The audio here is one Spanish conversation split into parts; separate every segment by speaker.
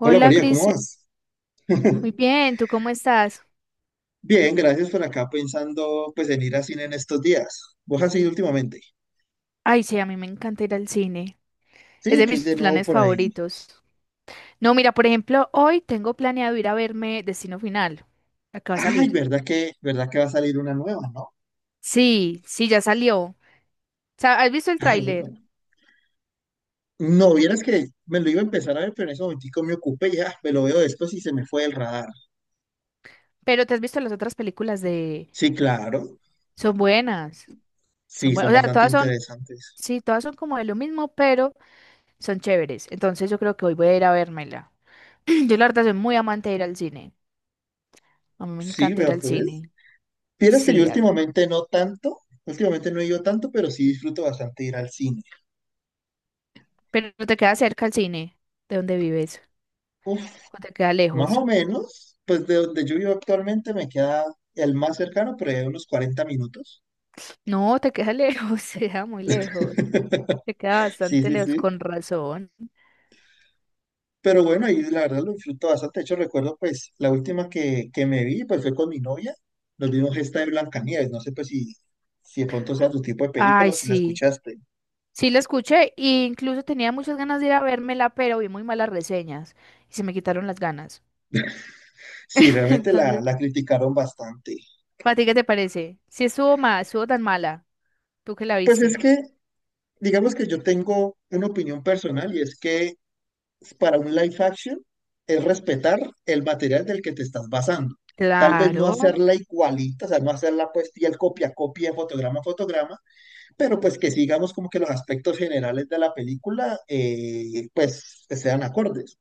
Speaker 1: Hola María, ¿cómo
Speaker 2: Cristian,
Speaker 1: vas?
Speaker 2: muy bien, ¿tú cómo estás?
Speaker 1: Bien, gracias por acá pensando pues en ir a cine en estos días. ¿Vos has ido últimamente?
Speaker 2: Ay, sí, a mí me encanta ir al cine, es
Speaker 1: Sí,
Speaker 2: de
Speaker 1: que hay
Speaker 2: mis
Speaker 1: de nuevo
Speaker 2: planes
Speaker 1: por ahí.
Speaker 2: favoritos. No, mira, por ejemplo, hoy tengo planeado ir a verme Destino Final. ¿Acaba de
Speaker 1: Ay,
Speaker 2: salir?
Speaker 1: ¿verdad que va a salir una nueva, ¿no?
Speaker 2: Sí, sí, ya salió. O sea, has visto el
Speaker 1: Ah, bueno.
Speaker 2: tráiler,
Speaker 1: No, vieras que me lo iba a empezar a ver, pero en ese momentico me ocupé ya, me lo veo después y se me fue el radar.
Speaker 2: pero te has visto las otras películas de...
Speaker 1: Sí, claro.
Speaker 2: Son buenas, son
Speaker 1: Sí,
Speaker 2: buenas,
Speaker 1: son
Speaker 2: o sea,
Speaker 1: bastante
Speaker 2: todas son,
Speaker 1: interesantes.
Speaker 2: sí, todas son como de lo mismo, pero son chéveres. Entonces yo creo que hoy voy a ir a vérmela. Yo la verdad soy muy amante de ir al cine, a mí me
Speaker 1: Sí,
Speaker 2: encanta
Speaker 1: vea
Speaker 2: ir al
Speaker 1: pues.
Speaker 2: cine.
Speaker 1: Vieras que yo
Speaker 2: Sí,
Speaker 1: últimamente no tanto, últimamente no he ido tanto, pero sí disfruto bastante ir al cine.
Speaker 2: pero te queda cerca el cine de donde vives.
Speaker 1: Uf.
Speaker 2: ¿O te queda
Speaker 1: Más
Speaker 2: lejos?
Speaker 1: o menos, pues de donde yo vivo actualmente me queda el más cercano, pero ya unos 40 minutos.
Speaker 2: No, te queda lejos, te queda muy lejos. Te queda
Speaker 1: Sí,
Speaker 2: bastante
Speaker 1: sí,
Speaker 2: lejos,
Speaker 1: sí.
Speaker 2: con razón.
Speaker 1: Pero bueno, y la verdad lo disfruto bastante. De hecho, recuerdo pues la última que me vi, pues fue con mi novia. Nos vimos esta de Blancanieves. No sé pues si de pronto sea tu tipo de película
Speaker 2: Ay,
Speaker 1: o si la
Speaker 2: sí.
Speaker 1: escuchaste.
Speaker 2: Sí, la escuché e incluso tenía muchas ganas de ir a vérmela, pero vi muy malas reseñas y se me quitaron las ganas.
Speaker 1: Sí, realmente la,
Speaker 2: Entonces,
Speaker 1: la criticaron bastante.
Speaker 2: ¿para ti qué te parece? Si estuvo mal, estuvo tan mala, tú que la
Speaker 1: Pues es
Speaker 2: viste.
Speaker 1: que, digamos que yo tengo una opinión personal y es que para un live action es respetar el material del que te estás basando. Tal vez no
Speaker 2: Claro,
Speaker 1: hacerla igualita, o sea, no hacerla pues el copia, a copia, fotograma, a fotograma, pero pues que sigamos como que los aspectos generales de la película pues sean acordes.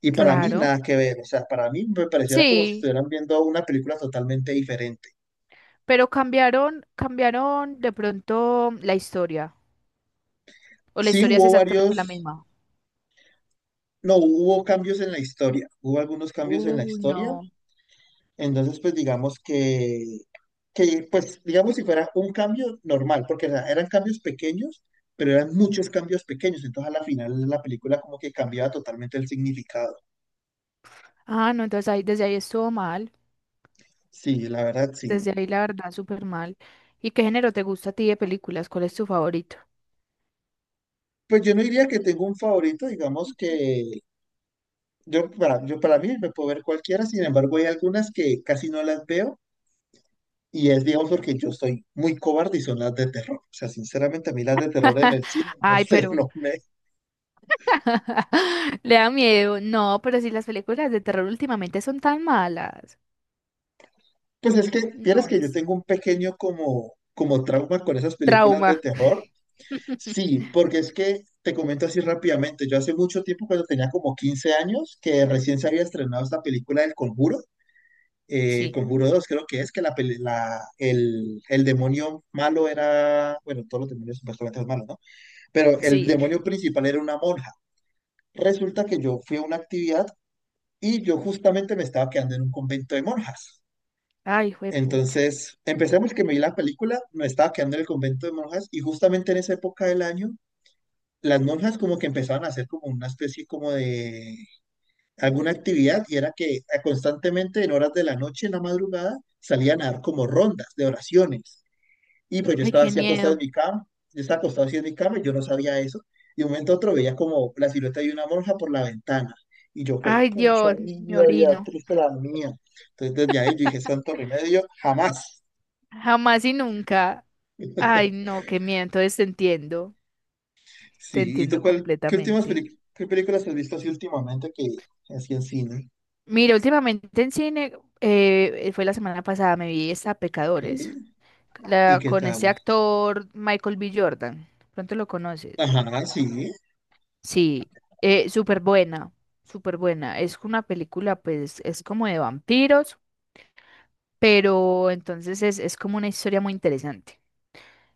Speaker 1: Y para mí
Speaker 2: claro.
Speaker 1: nada que ver, o sea, para mí me pareciera como si
Speaker 2: Sí,
Speaker 1: estuvieran viendo una película totalmente diferente.
Speaker 2: pero cambiaron de pronto la historia. O la
Speaker 1: Sí
Speaker 2: historia es
Speaker 1: hubo
Speaker 2: exactamente la
Speaker 1: varios,
Speaker 2: misma.
Speaker 1: no, hubo cambios en la historia, hubo algunos cambios en la
Speaker 2: Uy,
Speaker 1: historia.
Speaker 2: no.
Speaker 1: Entonces, pues digamos que, pues digamos si fuera un cambio normal, porque eran cambios pequeños, pero eran muchos cambios pequeños. Entonces, a la final la película como que cambiaba totalmente el significado.
Speaker 2: Ah, no, entonces ahí, desde ahí estuvo mal.
Speaker 1: Sí, la verdad, sí.
Speaker 2: Desde ahí, la verdad, súper mal. ¿Y qué género te gusta a ti de películas? ¿Cuál es tu favorito?
Speaker 1: Pues yo no diría que tengo un favorito, digamos
Speaker 2: Ujú.
Speaker 1: que yo para mí me puedo ver cualquiera, sin embargo hay algunas que casi no las veo y es, digamos, porque yo soy muy cobarde y son las de terror. O sea, sinceramente a mí las de terror en el cine, no
Speaker 2: Ay,
Speaker 1: sé,
Speaker 2: pero
Speaker 1: no me.
Speaker 2: le da miedo. No, pero si las películas de terror últimamente son tan malas.
Speaker 1: Pues es que,
Speaker 2: No,
Speaker 1: vieras que yo
Speaker 2: es
Speaker 1: tengo un pequeño como trauma con esas películas de
Speaker 2: trauma.
Speaker 1: terror. Sí, porque es que te comento así rápidamente. Yo hace mucho tiempo, cuando tenía como 15 años, que recién se había estrenado esta película del Conjuro,
Speaker 2: Sí,
Speaker 1: Conjuro dos, creo que es, que la, peli- la- el demonio malo era, bueno, todos los demonios supuestamente son malos, ¿no? Pero el
Speaker 2: sí.
Speaker 1: demonio principal era una monja. Resulta que yo fui a una actividad y yo justamente me estaba quedando en un convento de monjas.
Speaker 2: Ay, juepucha.
Speaker 1: Entonces, empezamos que me vi la película, me estaba quedando en el convento de monjas y justamente en esa época del año, las monjas como que empezaban a hacer como una especie como de alguna actividad y era que constantemente en horas de la noche, en la madrugada, salían a dar como rondas de oraciones. Y pues yo
Speaker 2: Ay,
Speaker 1: estaba
Speaker 2: qué
Speaker 1: así acostado
Speaker 2: miedo.
Speaker 1: en mi cama, yo estaba acostado así en mi cama y yo no sabía eso. Y de un momento a otro veía como la silueta de una monja por la ventana. Y yo fue,
Speaker 2: Ay,
Speaker 1: pucha
Speaker 2: Dios, me
Speaker 1: vida, vida
Speaker 2: orino.
Speaker 1: triste la mía. Entonces desde ahí yo dije, santo remedio, jamás.
Speaker 2: Jamás y nunca. Ay, no, qué miedo. Entonces te entiendo. Te
Speaker 1: Sí, ¿y tú
Speaker 2: entiendo
Speaker 1: cuál, qué últimas
Speaker 2: completamente.
Speaker 1: peli- qué películas has visto así últimamente que así en cine?
Speaker 2: Mira, últimamente en cine, fue la semana pasada, me vi esta
Speaker 1: Ok,
Speaker 2: Pecadores,
Speaker 1: ¿y
Speaker 2: la,
Speaker 1: qué
Speaker 2: con este
Speaker 1: tal?
Speaker 2: actor Michael B. Jordan. Pronto lo conoces.
Speaker 1: Ajá, sí,
Speaker 2: Sí, súper buena, súper buena. Es una película, pues, es como de vampiros, pero entonces es como una historia muy interesante.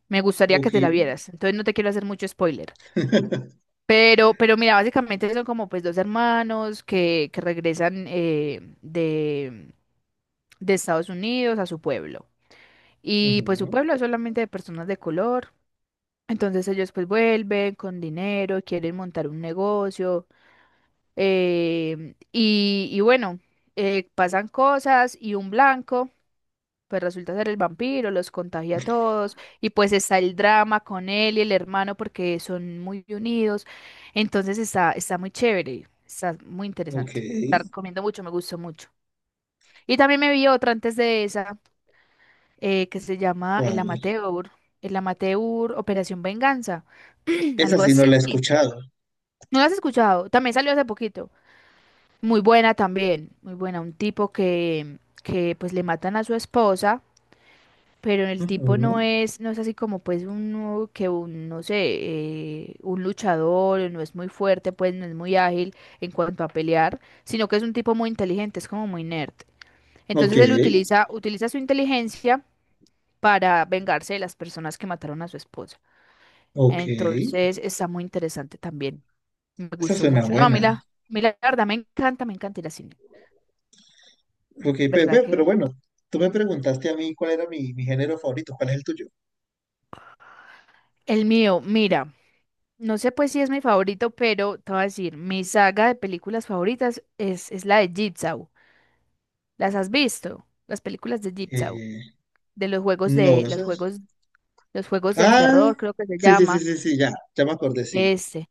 Speaker 2: Me gustaría que
Speaker 1: ok.
Speaker 2: te la vieras, entonces no te quiero hacer mucho spoiler. Pero mira, básicamente son como pues dos hermanos que regresan de Estados Unidos a su pueblo. Y pues su
Speaker 1: Ujú.
Speaker 2: pueblo es solamente de personas de color. Entonces ellos pues vuelven con dinero, quieren montar un negocio. Y, y bueno, pasan cosas y un blanco pues resulta ser el vampiro, los contagia a todos. Y pues está el drama con él y el hermano porque son muy unidos. Entonces está muy chévere, está muy
Speaker 1: Ok,
Speaker 2: interesante. La recomiendo mucho, me gustó mucho. Y también me vi otra antes de esa que se llama El
Speaker 1: ¿cuál?
Speaker 2: Amateur, El Amateur Operación Venganza,
Speaker 1: Esa
Speaker 2: algo
Speaker 1: sí no
Speaker 2: así.
Speaker 1: la he escuchado.
Speaker 2: ¿No lo has escuchado? También salió hace poquito. Muy buena también, muy buena. Un tipo que pues le matan a su esposa, pero el tipo no
Speaker 1: Ujú.
Speaker 2: es, no es así como pues uno que un, no sé, un luchador, no es muy fuerte, pues no es muy ágil en cuanto a pelear, sino que es un tipo muy inteligente, es como muy nerd.
Speaker 1: Ok,
Speaker 2: Entonces él utiliza su inteligencia para vengarse de las personas que mataron a su esposa.
Speaker 1: ok.
Speaker 2: Entonces está muy interesante también. Me
Speaker 1: Esa
Speaker 2: gustó
Speaker 1: suena
Speaker 2: mucho. No,
Speaker 1: buena.
Speaker 2: a mí la verdad me encanta ir al cine.
Speaker 1: Ok, pe-
Speaker 2: ¿Verdad
Speaker 1: pe- pero,
Speaker 2: que?
Speaker 1: bueno, tú me preguntaste a mí cuál era mi género favorito, ¿cuál es el tuyo?
Speaker 2: El mío, mira, no sé pues si es mi favorito, pero te voy a decir, mi saga de películas favoritas es la de Jigsaw. ¿Las has visto? Las películas de Jigsaw,
Speaker 1: Eh, no,
Speaker 2: de,
Speaker 1: ese es...
Speaker 2: los juegos del
Speaker 1: Ah,
Speaker 2: terror, creo que se
Speaker 1: sí, sí, sí,
Speaker 2: llama.
Speaker 1: sí, sí, ya, ya me acordé, sí.
Speaker 2: Este.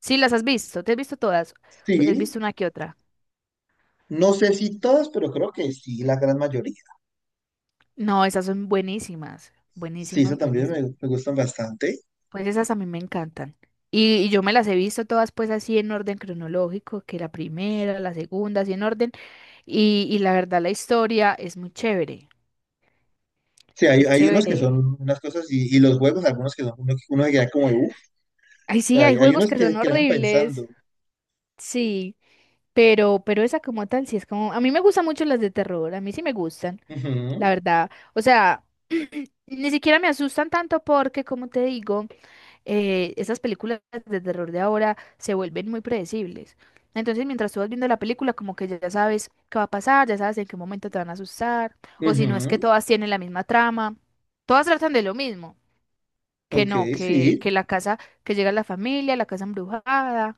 Speaker 2: Sí, las has visto, ¿te has visto todas? ¿O te has visto
Speaker 1: Sí.
Speaker 2: una que otra?
Speaker 1: No sé si todas, pero creo que sí, la gran mayoría.
Speaker 2: No, esas son buenísimas,
Speaker 1: Sí, eso
Speaker 2: buenísimas,
Speaker 1: también me,
Speaker 2: buenísimas.
Speaker 1: me gustan bastante.
Speaker 2: Pues esas a mí me encantan. Y yo me las he visto todas pues así en orden cronológico, que la primera, la segunda, así en orden. Y la verdad la historia es muy chévere,
Speaker 1: Sí, hay,
Speaker 2: es
Speaker 1: hay unos que
Speaker 2: chévere.
Speaker 1: son unas cosas y los juegos, algunos que son uno que queda como de uff.
Speaker 2: Ay,
Speaker 1: O
Speaker 2: sí,
Speaker 1: sea,
Speaker 2: hay
Speaker 1: hay
Speaker 2: juegos
Speaker 1: unos
Speaker 2: que
Speaker 1: que,
Speaker 2: son
Speaker 1: que le van
Speaker 2: horribles,
Speaker 1: pensando.
Speaker 2: sí, pero esa como tal, sí es como... A mí me gustan mucho las de terror, a mí sí me gustan, la
Speaker 1: Ujú,
Speaker 2: verdad. O sea, ni siquiera me asustan tanto porque, como te digo, esas películas de terror de ahora se vuelven muy predecibles. Entonces, mientras tú vas viendo la película, como que ya sabes qué va a pasar, ya sabes en qué momento te van a asustar, o si no es que
Speaker 1: ujú.
Speaker 2: todas tienen la misma trama, todas tratan de lo mismo, que
Speaker 1: Ok,
Speaker 2: no,
Speaker 1: sí,
Speaker 2: que la casa, que llega la familia, la casa embrujada,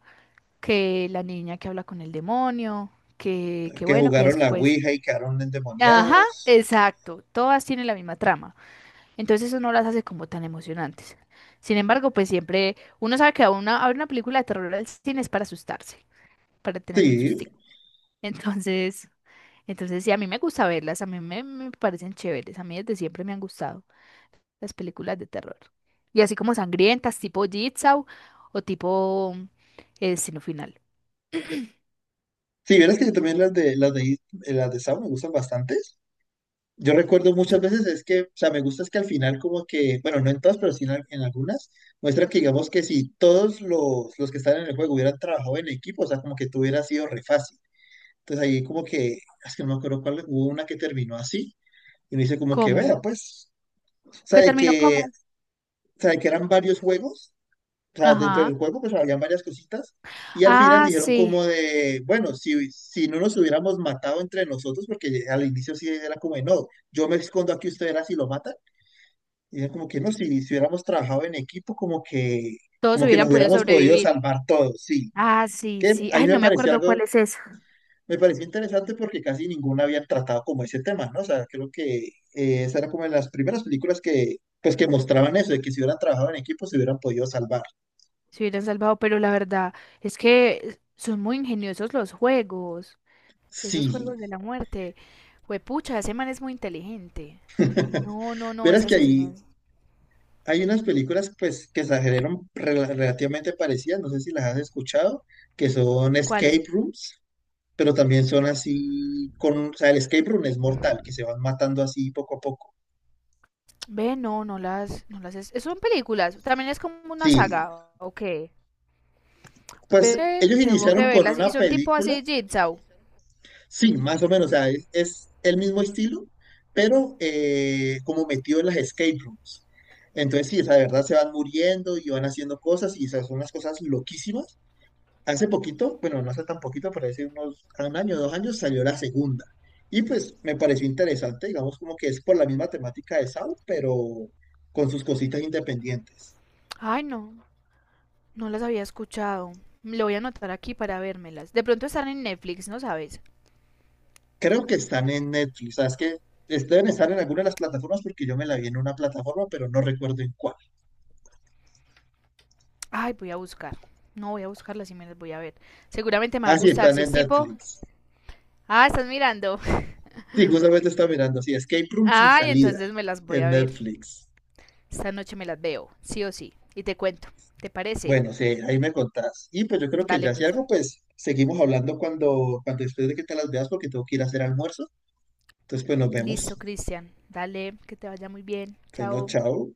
Speaker 2: que la niña que habla con el demonio, que
Speaker 1: que
Speaker 2: bueno, que
Speaker 1: jugaron la
Speaker 2: después...
Speaker 1: Ouija y quedaron
Speaker 2: Ajá,
Speaker 1: endemoniados.
Speaker 2: exacto, todas tienen la misma trama. Entonces eso no las hace como tan emocionantes. Sin embargo, pues siempre uno sabe que a una, a ver una película de terror al cine es para asustarse, para tener un
Speaker 1: Sí,
Speaker 2: sustico. Entonces, entonces sí, a mí me gusta verlas, a mí me parecen chéveres, a mí desde siempre me han gustado las películas de terror. Y así como sangrientas, tipo Jigsaw o tipo El Sino Final.
Speaker 1: sí, verás que también las de Saw me gustan bastante. Yo recuerdo muchas veces es que, o sea, me gusta es que al final como que, bueno, no en todas, pero sí en, en algunas, muestran que digamos que si todos los que están en el juego hubieran trabajado en equipo, o sea, como que tú hubiera sido re fácil. Entonces ahí como que, es que no me acuerdo cuál, hubo una que terminó así, y me dice como que,
Speaker 2: ¿Cómo?
Speaker 1: vea, pues, o sea,
Speaker 2: ¿Qué
Speaker 1: de
Speaker 2: terminó
Speaker 1: que,
Speaker 2: cómo?
Speaker 1: o sea, de que eran varios juegos, o sea, dentro
Speaker 2: Ajá.
Speaker 1: del juego pues habían varias cositas, y al final
Speaker 2: Ah,
Speaker 1: dijeron
Speaker 2: sí.
Speaker 1: como de, bueno, si no nos hubiéramos matado entre nosotros, porque al inicio sí era como de, no, yo me escondo aquí, ustedes así lo matan. Y es como que no, si hubiéramos trabajado en equipo, como que,
Speaker 2: Todos
Speaker 1: como que
Speaker 2: hubieran
Speaker 1: nos
Speaker 2: podido
Speaker 1: hubiéramos podido
Speaker 2: sobrevivir.
Speaker 1: salvar todos, sí.
Speaker 2: Ah, sí,
Speaker 1: Que
Speaker 2: sí.
Speaker 1: ahí
Speaker 2: Ay,
Speaker 1: me
Speaker 2: no me
Speaker 1: pareció
Speaker 2: acuerdo
Speaker 1: algo,
Speaker 2: cuál es esa.
Speaker 1: me pareció interesante porque casi ninguna había tratado como ese tema, ¿no? O sea, creo que esa era como de las primeras películas que, pues, que mostraban eso, de que si hubieran trabajado en equipo se hubieran podido salvar.
Speaker 2: Se hubieran salvado, pero la verdad es que son muy ingeniosos los juegos, esos
Speaker 1: Sí.
Speaker 2: juegos de la muerte. Juepucha, ese man es muy inteligente. No, no, no,
Speaker 1: Verás
Speaker 2: ese
Speaker 1: que
Speaker 2: asesino
Speaker 1: ahí
Speaker 2: es...
Speaker 1: hay unas películas, pues, que se generan relativamente parecidas, no sé si las has escuchado, que son
Speaker 2: ¿Cuál?
Speaker 1: Escape Rooms. Pero también son así con, o sea, el escape room es mortal, que se van matando así poco a poco.
Speaker 2: Ve, no, no las, no las es... Son películas, también es como una
Speaker 1: Sí,
Speaker 2: saga, ¿o qué?
Speaker 1: pues
Speaker 2: Ve,
Speaker 1: ellos
Speaker 2: tengo que
Speaker 1: iniciaron con
Speaker 2: verlas
Speaker 1: una
Speaker 2: y son tipo
Speaker 1: película,
Speaker 2: así Jigsaw.
Speaker 1: sí, más o menos, o sea, es el mismo estilo, pero como metido en las escape rooms. Entonces, sí, o sea, de verdad se van muriendo y van haciendo cosas y esas son unas cosas loquísimas. Hace poquito, bueno, no hace tan poquito, por decir unos un año, 2 años, salió la segunda. Y pues me pareció interesante, digamos como que es por la misma temática de Saw, pero con sus cositas independientes.
Speaker 2: Ay, no, no las había escuchado. Lo voy a anotar aquí para vérmelas. De pronto están en Netflix, ¿no sabes?
Speaker 1: Creo que están en Netflix, ¿sabes que deben estar en alguna de las plataformas porque yo me la vi en una plataforma, pero no recuerdo en cuál?
Speaker 2: Ay, voy a buscar. No, voy a buscarlas y me las voy a ver. Seguramente me va a
Speaker 1: Ah, sí,
Speaker 2: gustar.
Speaker 1: están
Speaker 2: Si es
Speaker 1: en
Speaker 2: tipo.
Speaker 1: Netflix.
Speaker 2: Ah, estás mirando.
Speaker 1: Sí, justamente está mirando, sí, Escape Room sin
Speaker 2: Ay,
Speaker 1: salida
Speaker 2: entonces me las voy
Speaker 1: en
Speaker 2: a ver.
Speaker 1: Netflix.
Speaker 2: Esta noche me las veo, sí o sí. Y te cuento. ¿Te parece?
Speaker 1: Bueno, sí, ahí me contás. Y pues yo creo que
Speaker 2: Dale
Speaker 1: ya si
Speaker 2: pues.
Speaker 1: algo, pues seguimos hablando cuando después de que te las veas, porque tengo que ir a hacer almuerzo. Entonces, pues nos
Speaker 2: Listo,
Speaker 1: vemos.
Speaker 2: Cristian. Dale, que te vaya muy bien.
Speaker 1: Bueno,
Speaker 2: Chao.
Speaker 1: chao.